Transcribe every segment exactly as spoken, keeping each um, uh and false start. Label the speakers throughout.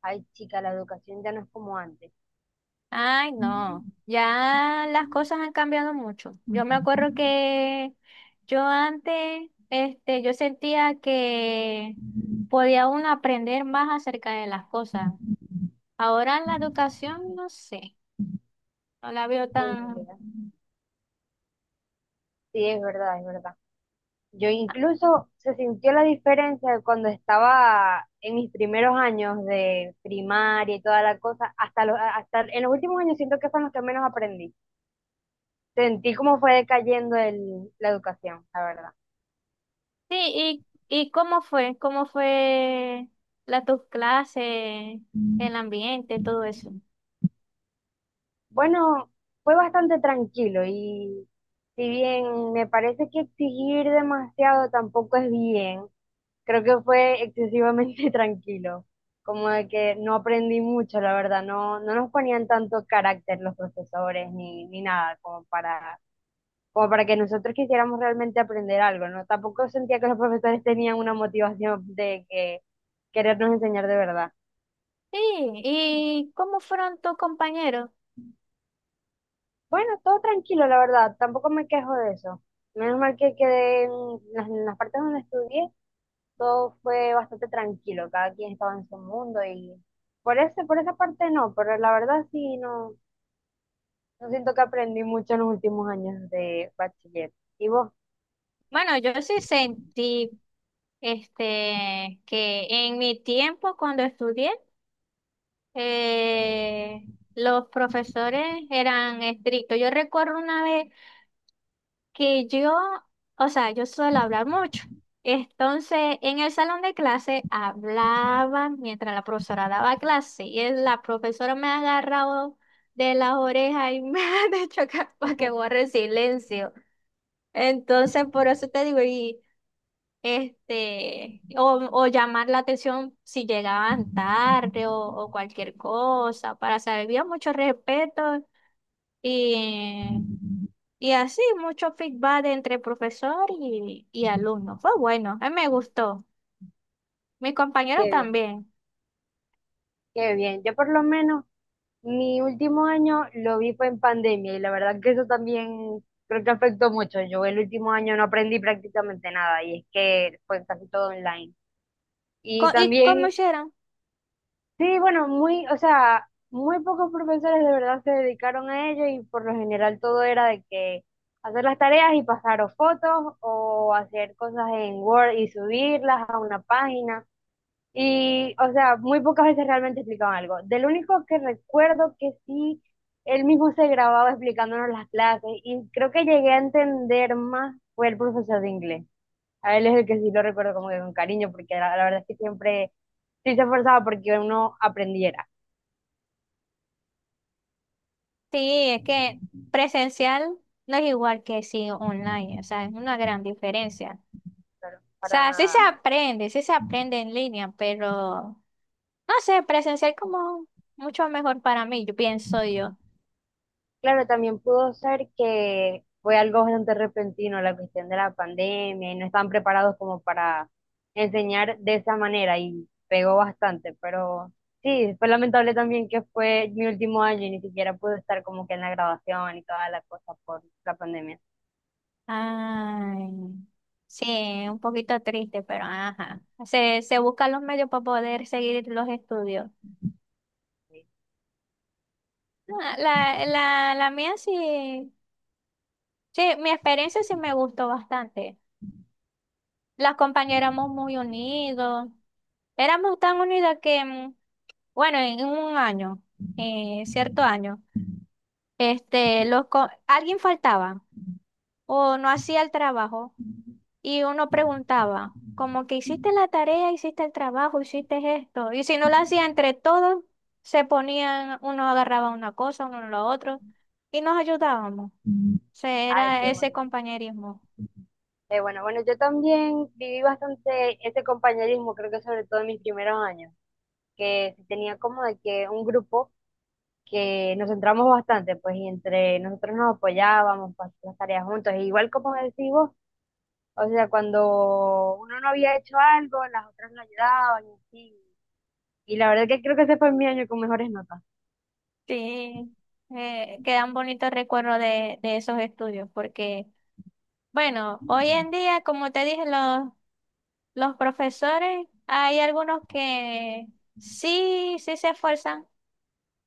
Speaker 1: Ay, chica, la educación ya no es como antes,
Speaker 2: Ay, no, ya las cosas han cambiado mucho. Yo me acuerdo que yo antes, este, yo sentía que podía uno aprender más acerca de las cosas. Ahora la educación, no sé, no la veo
Speaker 1: en
Speaker 2: tan...
Speaker 1: realidad. Sí, es verdad, es verdad. Yo
Speaker 2: Ah,
Speaker 1: incluso se sintió la diferencia de cuando estaba en mis primeros años de primaria y toda la cosa, hasta, los, hasta en los últimos años siento que son los que menos aprendí. Sentí cómo fue decayendo el, la educación, la verdad.
Speaker 2: sí, ¿y, y cómo fue? ¿Cómo fue la tus clases, el ambiente, todo eso?
Speaker 1: Bueno, fue bastante tranquilo y si bien me parece que exigir demasiado tampoco es bien, creo que fue excesivamente tranquilo, como de que no aprendí mucho, la verdad, no, no nos ponían tanto carácter los profesores ni, ni nada, como para, como para que nosotros quisiéramos realmente aprender algo, ¿no? Tampoco sentía que los profesores tenían una motivación de que querernos enseñar de verdad.
Speaker 2: Sí, ¿y cómo fueron tus compañeros?
Speaker 1: Bueno, todo tranquilo, la verdad, tampoco me quejo de eso. Menos mal que quedé en las, en las partes donde estudié, todo fue bastante tranquilo, cada quien estaba en su mundo y por ese, por esa parte no, pero la verdad sí, no, no siento que aprendí mucho en los últimos años de bachiller. ¿Y vos?
Speaker 2: Bueno, yo sí sentí este, que en mi tiempo cuando estudié, eh, los profesores eran estrictos. Yo recuerdo una vez que yo, o sea, yo suelo hablar mucho. Entonces, en el salón de clase hablaba mientras la profesora daba clase y el- la profesora me ha agarrado de las orejas y me ha dicho que, para que borre el silencio. Entonces, por eso te digo, y... este, o, o llamar la atención si llegaban tarde o, o cualquier cosa, para saber, había mucho respeto y, y así, mucho feedback entre profesor y, y alumno. Fue bueno, a mí me gustó. Mis compañeros
Speaker 1: Qué bien,
Speaker 2: también.
Speaker 1: qué bien. Yo por lo menos mi último año lo vi fue en pandemia y la verdad que eso también creo que afectó mucho. Yo el último año no aprendí prácticamente nada y es que fue casi todo online. Y
Speaker 2: Co- ¿Y cómo
Speaker 1: también
Speaker 2: hicieron?
Speaker 1: sí, bueno, muy, o sea, muy pocos profesores de verdad se dedicaron a ello y por lo general todo era de que hacer las tareas y pasar o fotos o hacer cosas en Word y subirlas a una página. Y, o sea, muy pocas veces realmente explicaban algo. Del único que recuerdo que sí, él mismo se grababa explicándonos las clases y creo que llegué a entender más fue el profesor de inglés. A él es el que sí lo recuerdo como que con cariño porque la, la verdad es que siempre sí se esforzaba porque uno aprendiera.
Speaker 2: Sí, es que presencial no es igual que si online, o sea, es una gran diferencia.
Speaker 1: Claro,
Speaker 2: O
Speaker 1: para
Speaker 2: sea, sí
Speaker 1: nada.
Speaker 2: se aprende, sí se aprende en línea, pero no sé, presencial como mucho mejor para mí, yo pienso yo.
Speaker 1: Claro, también pudo ser que fue algo bastante repentino la cuestión de la pandemia y no estaban preparados como para enseñar de esa manera y pegó bastante, pero sí, fue lamentable también que fue mi último año y ni siquiera pude estar como que en la graduación y toda la cosa por la pandemia.
Speaker 2: Ay, sí, un poquito triste, pero ajá. Se, se buscan los medios para poder seguir los estudios.
Speaker 1: Sí.
Speaker 2: Ah, La, la, la mía sí, sí, mi experiencia sí me gustó bastante. Las compañeras éramos muy unidos. Éramos tan unidas que, mm, bueno, en un año, eh, cierto año. Este, los co- alguien faltaba o no hacía el trabajo y uno preguntaba, como que hiciste la tarea, hiciste el trabajo, hiciste esto. Y si no lo hacía entre todos, se ponían, uno agarraba una cosa, uno lo otro y nos ayudábamos. O
Speaker 1: Mm.
Speaker 2: sea,
Speaker 1: Ay,
Speaker 2: era
Speaker 1: qué bueno.
Speaker 2: ese compañerismo.
Speaker 1: Qué bueno, bueno, yo también viví bastante ese compañerismo, creo que sobre todo en mis primeros años, que sí tenía como de que un grupo que nos centramos bastante, pues, y entre nosotros nos apoyábamos para hacer las tareas juntos. E igual como decís vos, o sea, cuando uno no había hecho algo, las otras lo ayudaban y así. Y la verdad que creo que ese fue mi año con mejores notas,
Speaker 2: Sí, eh, quedan bonitos recuerdos de, de esos estudios, porque, bueno, hoy en día, como te dije, los, los profesores, hay algunos que sí, sí se esfuerzan,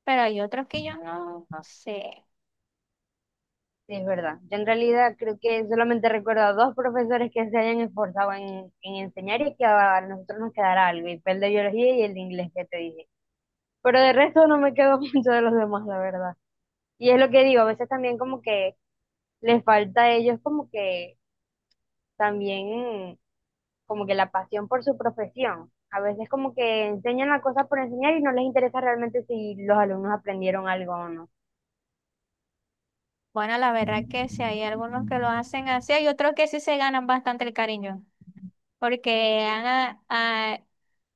Speaker 2: pero hay otros que yo no, no sé.
Speaker 1: sí, es verdad. Yo en realidad creo que solamente recuerdo a dos profesores que se hayan esforzado en, en enseñar y que a nosotros nos quedara algo, y fue el de biología y el de inglés que te dije. Pero de resto no me quedo mucho de los demás, la verdad. Y es lo que digo, a veces también como que les falta a ellos como que también como que la pasión por su profesión. A veces como que enseñan la cosa por enseñar y no les interesa realmente si los alumnos aprendieron algo o no.
Speaker 2: Bueno, la verdad que sí, hay algunos que lo hacen así, hay otros que sí se ganan bastante el cariño, porque han, a- a-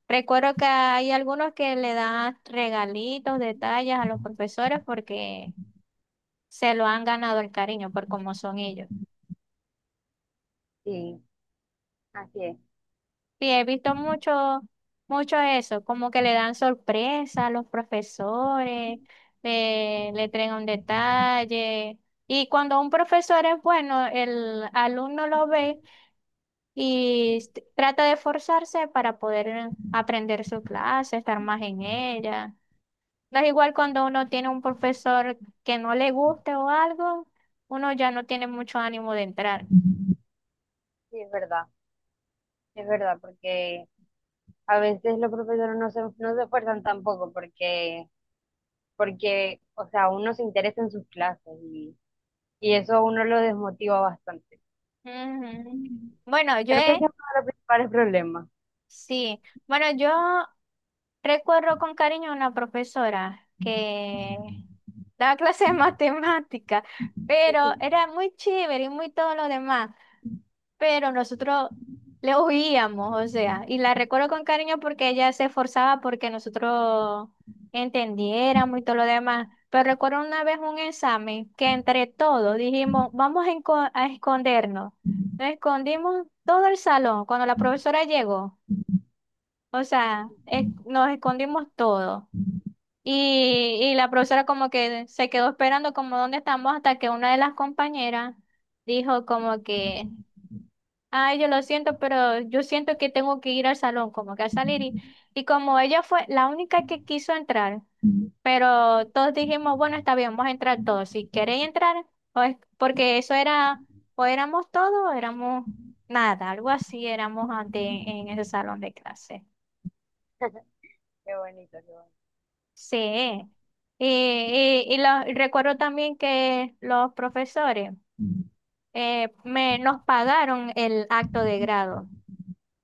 Speaker 2: recuerdo que hay algunos que le dan regalitos, detalles a los profesores, porque... se lo han ganado el cariño por cómo son ellos.
Speaker 1: Sí, así es,
Speaker 2: Sí, he visto mucho, mucho eso, como que le dan sorpresa a los profesores, le, le traen un detalle. Y cuando un profesor es bueno, el alumno lo ve y s- trata de esforzarse para poder aprender su clase, estar más en ella. No es igual cuando uno tiene un profesor que no le guste o algo, uno ya no tiene mucho ánimo de entrar.
Speaker 1: sí, es verdad, es verdad, porque a veces los profesores no se, no se esfuerzan tampoco porque, porque, o sea, uno se interesa en sus clases y, y eso a uno lo desmotiva bastante.
Speaker 2: Ujú. Bueno, yo
Speaker 1: Creo que ese
Speaker 2: he,
Speaker 1: es uno de los principales problemas.
Speaker 2: Sí, bueno, yo recuerdo con cariño a una profesora que daba clases de matemática, pero era muy chévere y muy todo lo demás, pero nosotros le oíamos, o sea, y la recuerdo con cariño porque ella se esforzaba porque nosotros entendiéramos y todo lo demás. Pero recuerdo una vez un examen que entre todos dijimos, vamos a enco- a escondernos. Nos escondimos todo el salón cuando la profesora llegó. O sea, es- nos escondimos todo. Y, y la profesora como que se quedó esperando como dónde estamos hasta que una de las compañeras dijo como que, ay, yo lo siento, pero yo siento que tengo que ir al salón, como que a salir. Y, y como ella fue la única que quiso entrar, pero todos dijimos, bueno, está bien, vamos a entrar todos. Si queréis entrar, o es- porque eso era, o éramos todos, o éramos nada, algo así éramos antes en en ese salón de clase.
Speaker 1: Qué bonito, qué bonito.
Speaker 2: Sí. Y, y, y lo- y recuerdo también que los profesores eh, me, nos pagaron el acto de grado.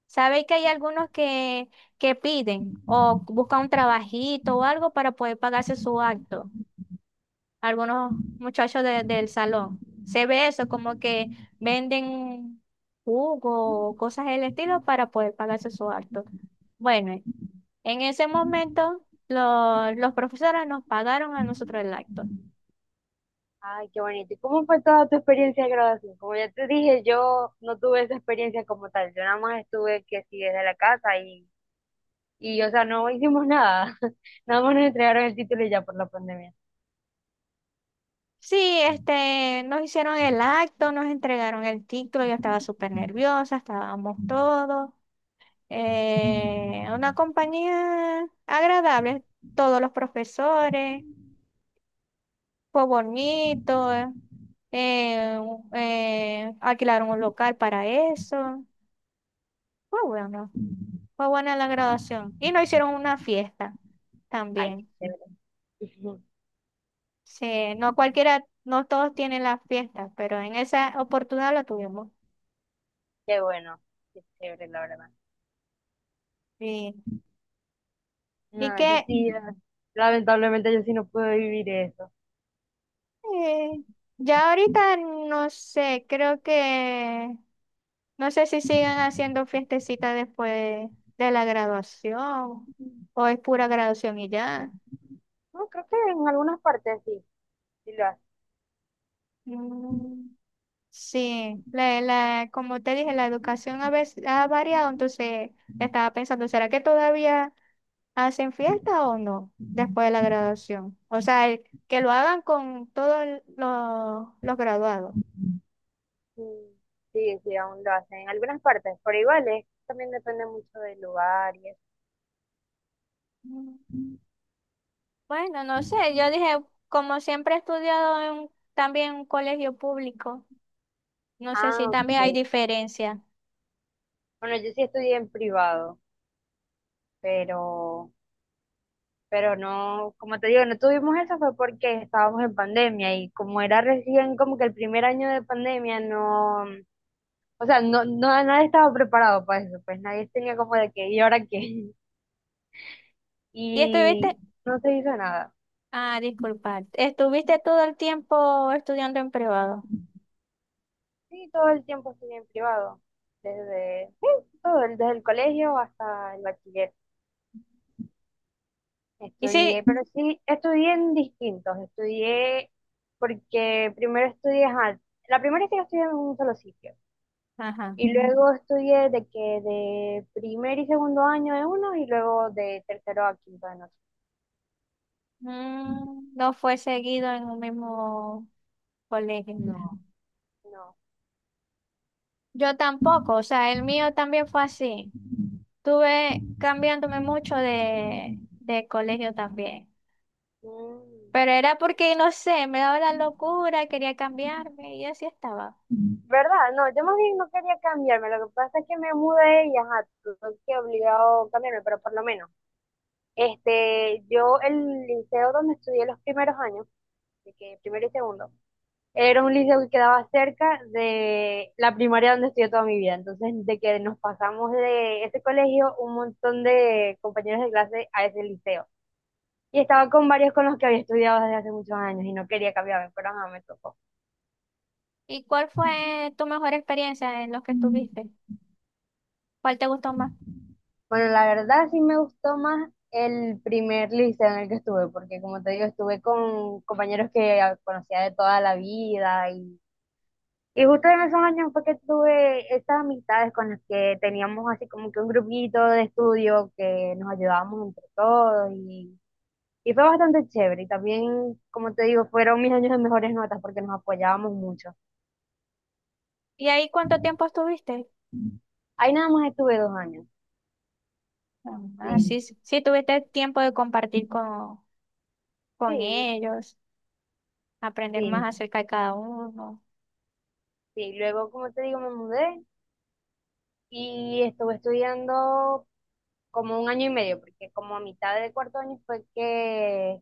Speaker 2: Sabéis que hay algunos que, que piden o buscan un trabajito o algo para poder pagarse su acto. Algunos muchachos de- del salón. Se ve eso, como que venden jugo o cosas del estilo para poder pagarse su acto. Bueno, en ese momento, lo- los profesores nos pagaron a nosotros el acto.
Speaker 1: Ay, qué bonito. ¿Y cómo fue toda tu experiencia de graduación? Como ya te dije, yo no tuve esa experiencia como tal. Yo nada más estuve que sí desde la casa y, y o sea, no hicimos nada. Nada más nos entregaron el título y ya por la pandemia.
Speaker 2: Sí, este, nos hicieron el acto, nos entregaron el título, yo estaba súper nerviosa, estábamos todos. eh, una compañía agradable, todos los profesores, fue bonito, eh, eh, eh, alquilaron un local para eso. Fue bueno, fue buena la graduación. Y nos hicieron una fiesta
Speaker 1: Ay, qué
Speaker 2: también.
Speaker 1: chévere.
Speaker 2: Sí, no cualquiera, no todos tienen las fiestas, pero en esa oportunidad la tuvimos.
Speaker 1: Qué bueno. Qué chévere, la verdad.
Speaker 2: Sí. Y
Speaker 1: No, yo
Speaker 2: que
Speaker 1: sí, la- Lamentablemente yo sí no pude vivir eso.
Speaker 2: eh, ya ahorita no sé, creo que no sé si siguen haciendo fiestecitas después de la graduación o es pura graduación y ya.
Speaker 1: No, creo que en algunas partes sí, sí lo hacen.
Speaker 2: Mm, sí, la, la, como te dije, la educación a veces ha variado, entonces estaba pensando, ¿será que todavía... ¿hacen fiesta o no después de la graduación? O sea, el- que lo hagan con todos el- los, los graduados.
Speaker 1: Sí, sí, sí, aún lo hacen. En algunas partes, pero igual es, también depende mucho del lugar y eso.
Speaker 2: Mm, Bueno, no sé, yo dije, como siempre he estudiado en, también en un colegio público, no sé si
Speaker 1: Ah,
Speaker 2: también hay
Speaker 1: ok.
Speaker 2: diferencia.
Speaker 1: Bueno, yo sí estudié en privado, pero, pero no, como te digo, no tuvimos eso fue porque estábamos en pandemia y como era recién como que el primer año de pandemia, no, o sea, no, no, nadie estaba preparado para eso, pues nadie tenía como de que, ¿y ahora qué?
Speaker 2: ¿Y
Speaker 1: Y
Speaker 2: estuviste?
Speaker 1: no se hizo nada.
Speaker 2: Ah, disculpa, estuviste todo el tiempo estudiando en privado.
Speaker 1: Sí, todo el tiempo estudié en privado, desde, sí, todo, desde el colegio hasta el bachiller.
Speaker 2: Y
Speaker 1: Estudié,
Speaker 2: sí,
Speaker 1: pero sí, estudié en distintos. Estudié porque primero estudié, ajá, la primera es que estudié en un solo sitio.
Speaker 2: ajá,
Speaker 1: Y luego estudié de que de primer y segundo año en uno y luego de tercero a quinto en otro.
Speaker 2: mm, no fue seguido en un mismo colegio.
Speaker 1: No. No.
Speaker 2: Yo tampoco, o sea, el mío también fue así. Tuve cambiándome mucho de, de colegio también.
Speaker 1: Mm.
Speaker 2: Pero era porque, no sé, me daba la locura, quería cambiarme y así estaba.
Speaker 1: ¿Verdad? No, yo más bien no quería cambiarme. Lo que pasa es que me mudé y ajá, tuve que obligado a cambiarme, pero por lo menos. Este, yo el liceo donde estudié los primeros años, de que primero y segundo. Era un liceo que quedaba cerca de la primaria donde estudié toda mi vida. Entonces, de que nos pasamos de ese colegio, un montón de compañeros de clase a ese liceo. Y estaba con varios con los que había estudiado desde hace muchos años y no quería cambiarme, pero nada, me tocó.
Speaker 2: ¿Y cuál fue tu mejor experiencia en los que estuviste? ¿Cuál te gustó más?
Speaker 1: Bueno, la verdad sí me gustó más el primer liceo en el que estuve, porque como te digo, estuve con compañeros que conocía de toda la vida y Y justo en esos años fue que tuve estas amistades con las que teníamos así como que un grupito de estudio que nos ayudábamos entre todos y, y fue bastante chévere. Y también, como te digo, fueron mis años de mejores notas porque nos apoyábamos mucho.
Speaker 2: ¿Y ahí cuánto tiempo estuviste?
Speaker 1: Ahí nada más estuve dos años.
Speaker 2: Ah,
Speaker 1: Sí,
Speaker 2: sí, sí, sí tuviste tiempo de compartir con, con
Speaker 1: sí,
Speaker 2: ellos, aprender
Speaker 1: sí,
Speaker 2: más acerca de cada uno.
Speaker 1: sí. Luego, como te digo, me mudé y estuve estudiando como un año y medio porque como a mitad de cuarto año fue que,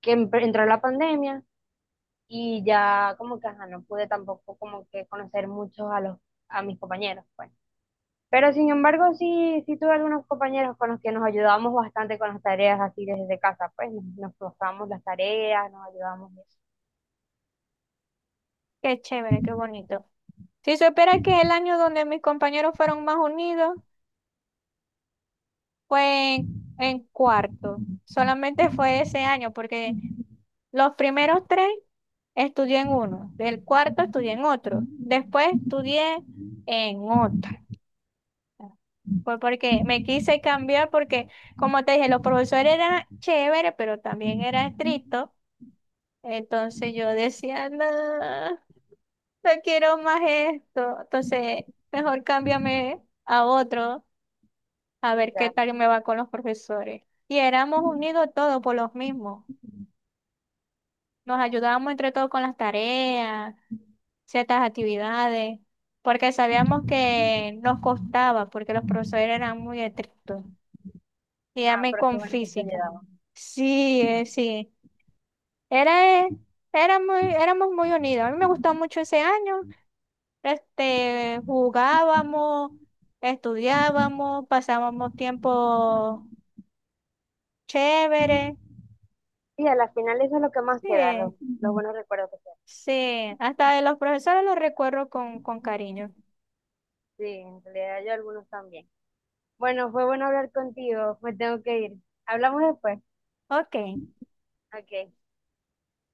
Speaker 1: que empe- entró la pandemia. Y ya como que ajá, no pude tampoco como que conocer muchos a los a mis compañeros, pues. Pero sin embargo, sí, sí tuve algunos compañeros con los que nos ayudábamos bastante con las tareas así desde casa, pues nos, nos pasábamos las tareas, nos ayudábamos y eso.
Speaker 2: Qué chévere, qué bonito. Si supiera que es el año donde mis compañeros fueron más unidos, fue en, en cuarto. Solamente fue ese año, porque los primeros tres estudié en uno, del cuarto estudié en otro, después estudié en otro. Fue porque me quise cambiar, porque como te dije, los profesores eran chéveres, pero también eran estrictos. Entonces yo decía, no, no quiero más esto. Entonces, mejor cámbiame a otro. A ver qué
Speaker 1: Ya,
Speaker 2: tal me va con los profesores. Y éramos unidos todos por los mismos. Nos
Speaker 1: ya.
Speaker 2: ayudábamos entre todos con las tareas, ciertas actividades, porque sabíamos que nos costaba, porque los profesores eran muy estrictos. Y a
Speaker 1: Ah,
Speaker 2: mí
Speaker 1: pero qué
Speaker 2: con
Speaker 1: bueno que te
Speaker 2: física.
Speaker 1: ayudaban.
Speaker 2: Sí, eh, sí. Era, eh, era muy, éramos muy unidos. A mí me gustó mucho ese año. Este, jugábamos, estudiábamos, pasábamos tiempo chévere.
Speaker 1: Sí, a la final eso es lo que más
Speaker 2: Sí.
Speaker 1: queda,
Speaker 2: eh,
Speaker 1: los, los buenos recuerdos que quedan.
Speaker 2: Sí, hasta de los profesores los recuerdo con, con cariño.
Speaker 1: Sí, en realidad yo algunos también. Bueno, fue bueno hablar contigo, me tengo que ir. Hablamos después.
Speaker 2: Ok,
Speaker 1: Ok.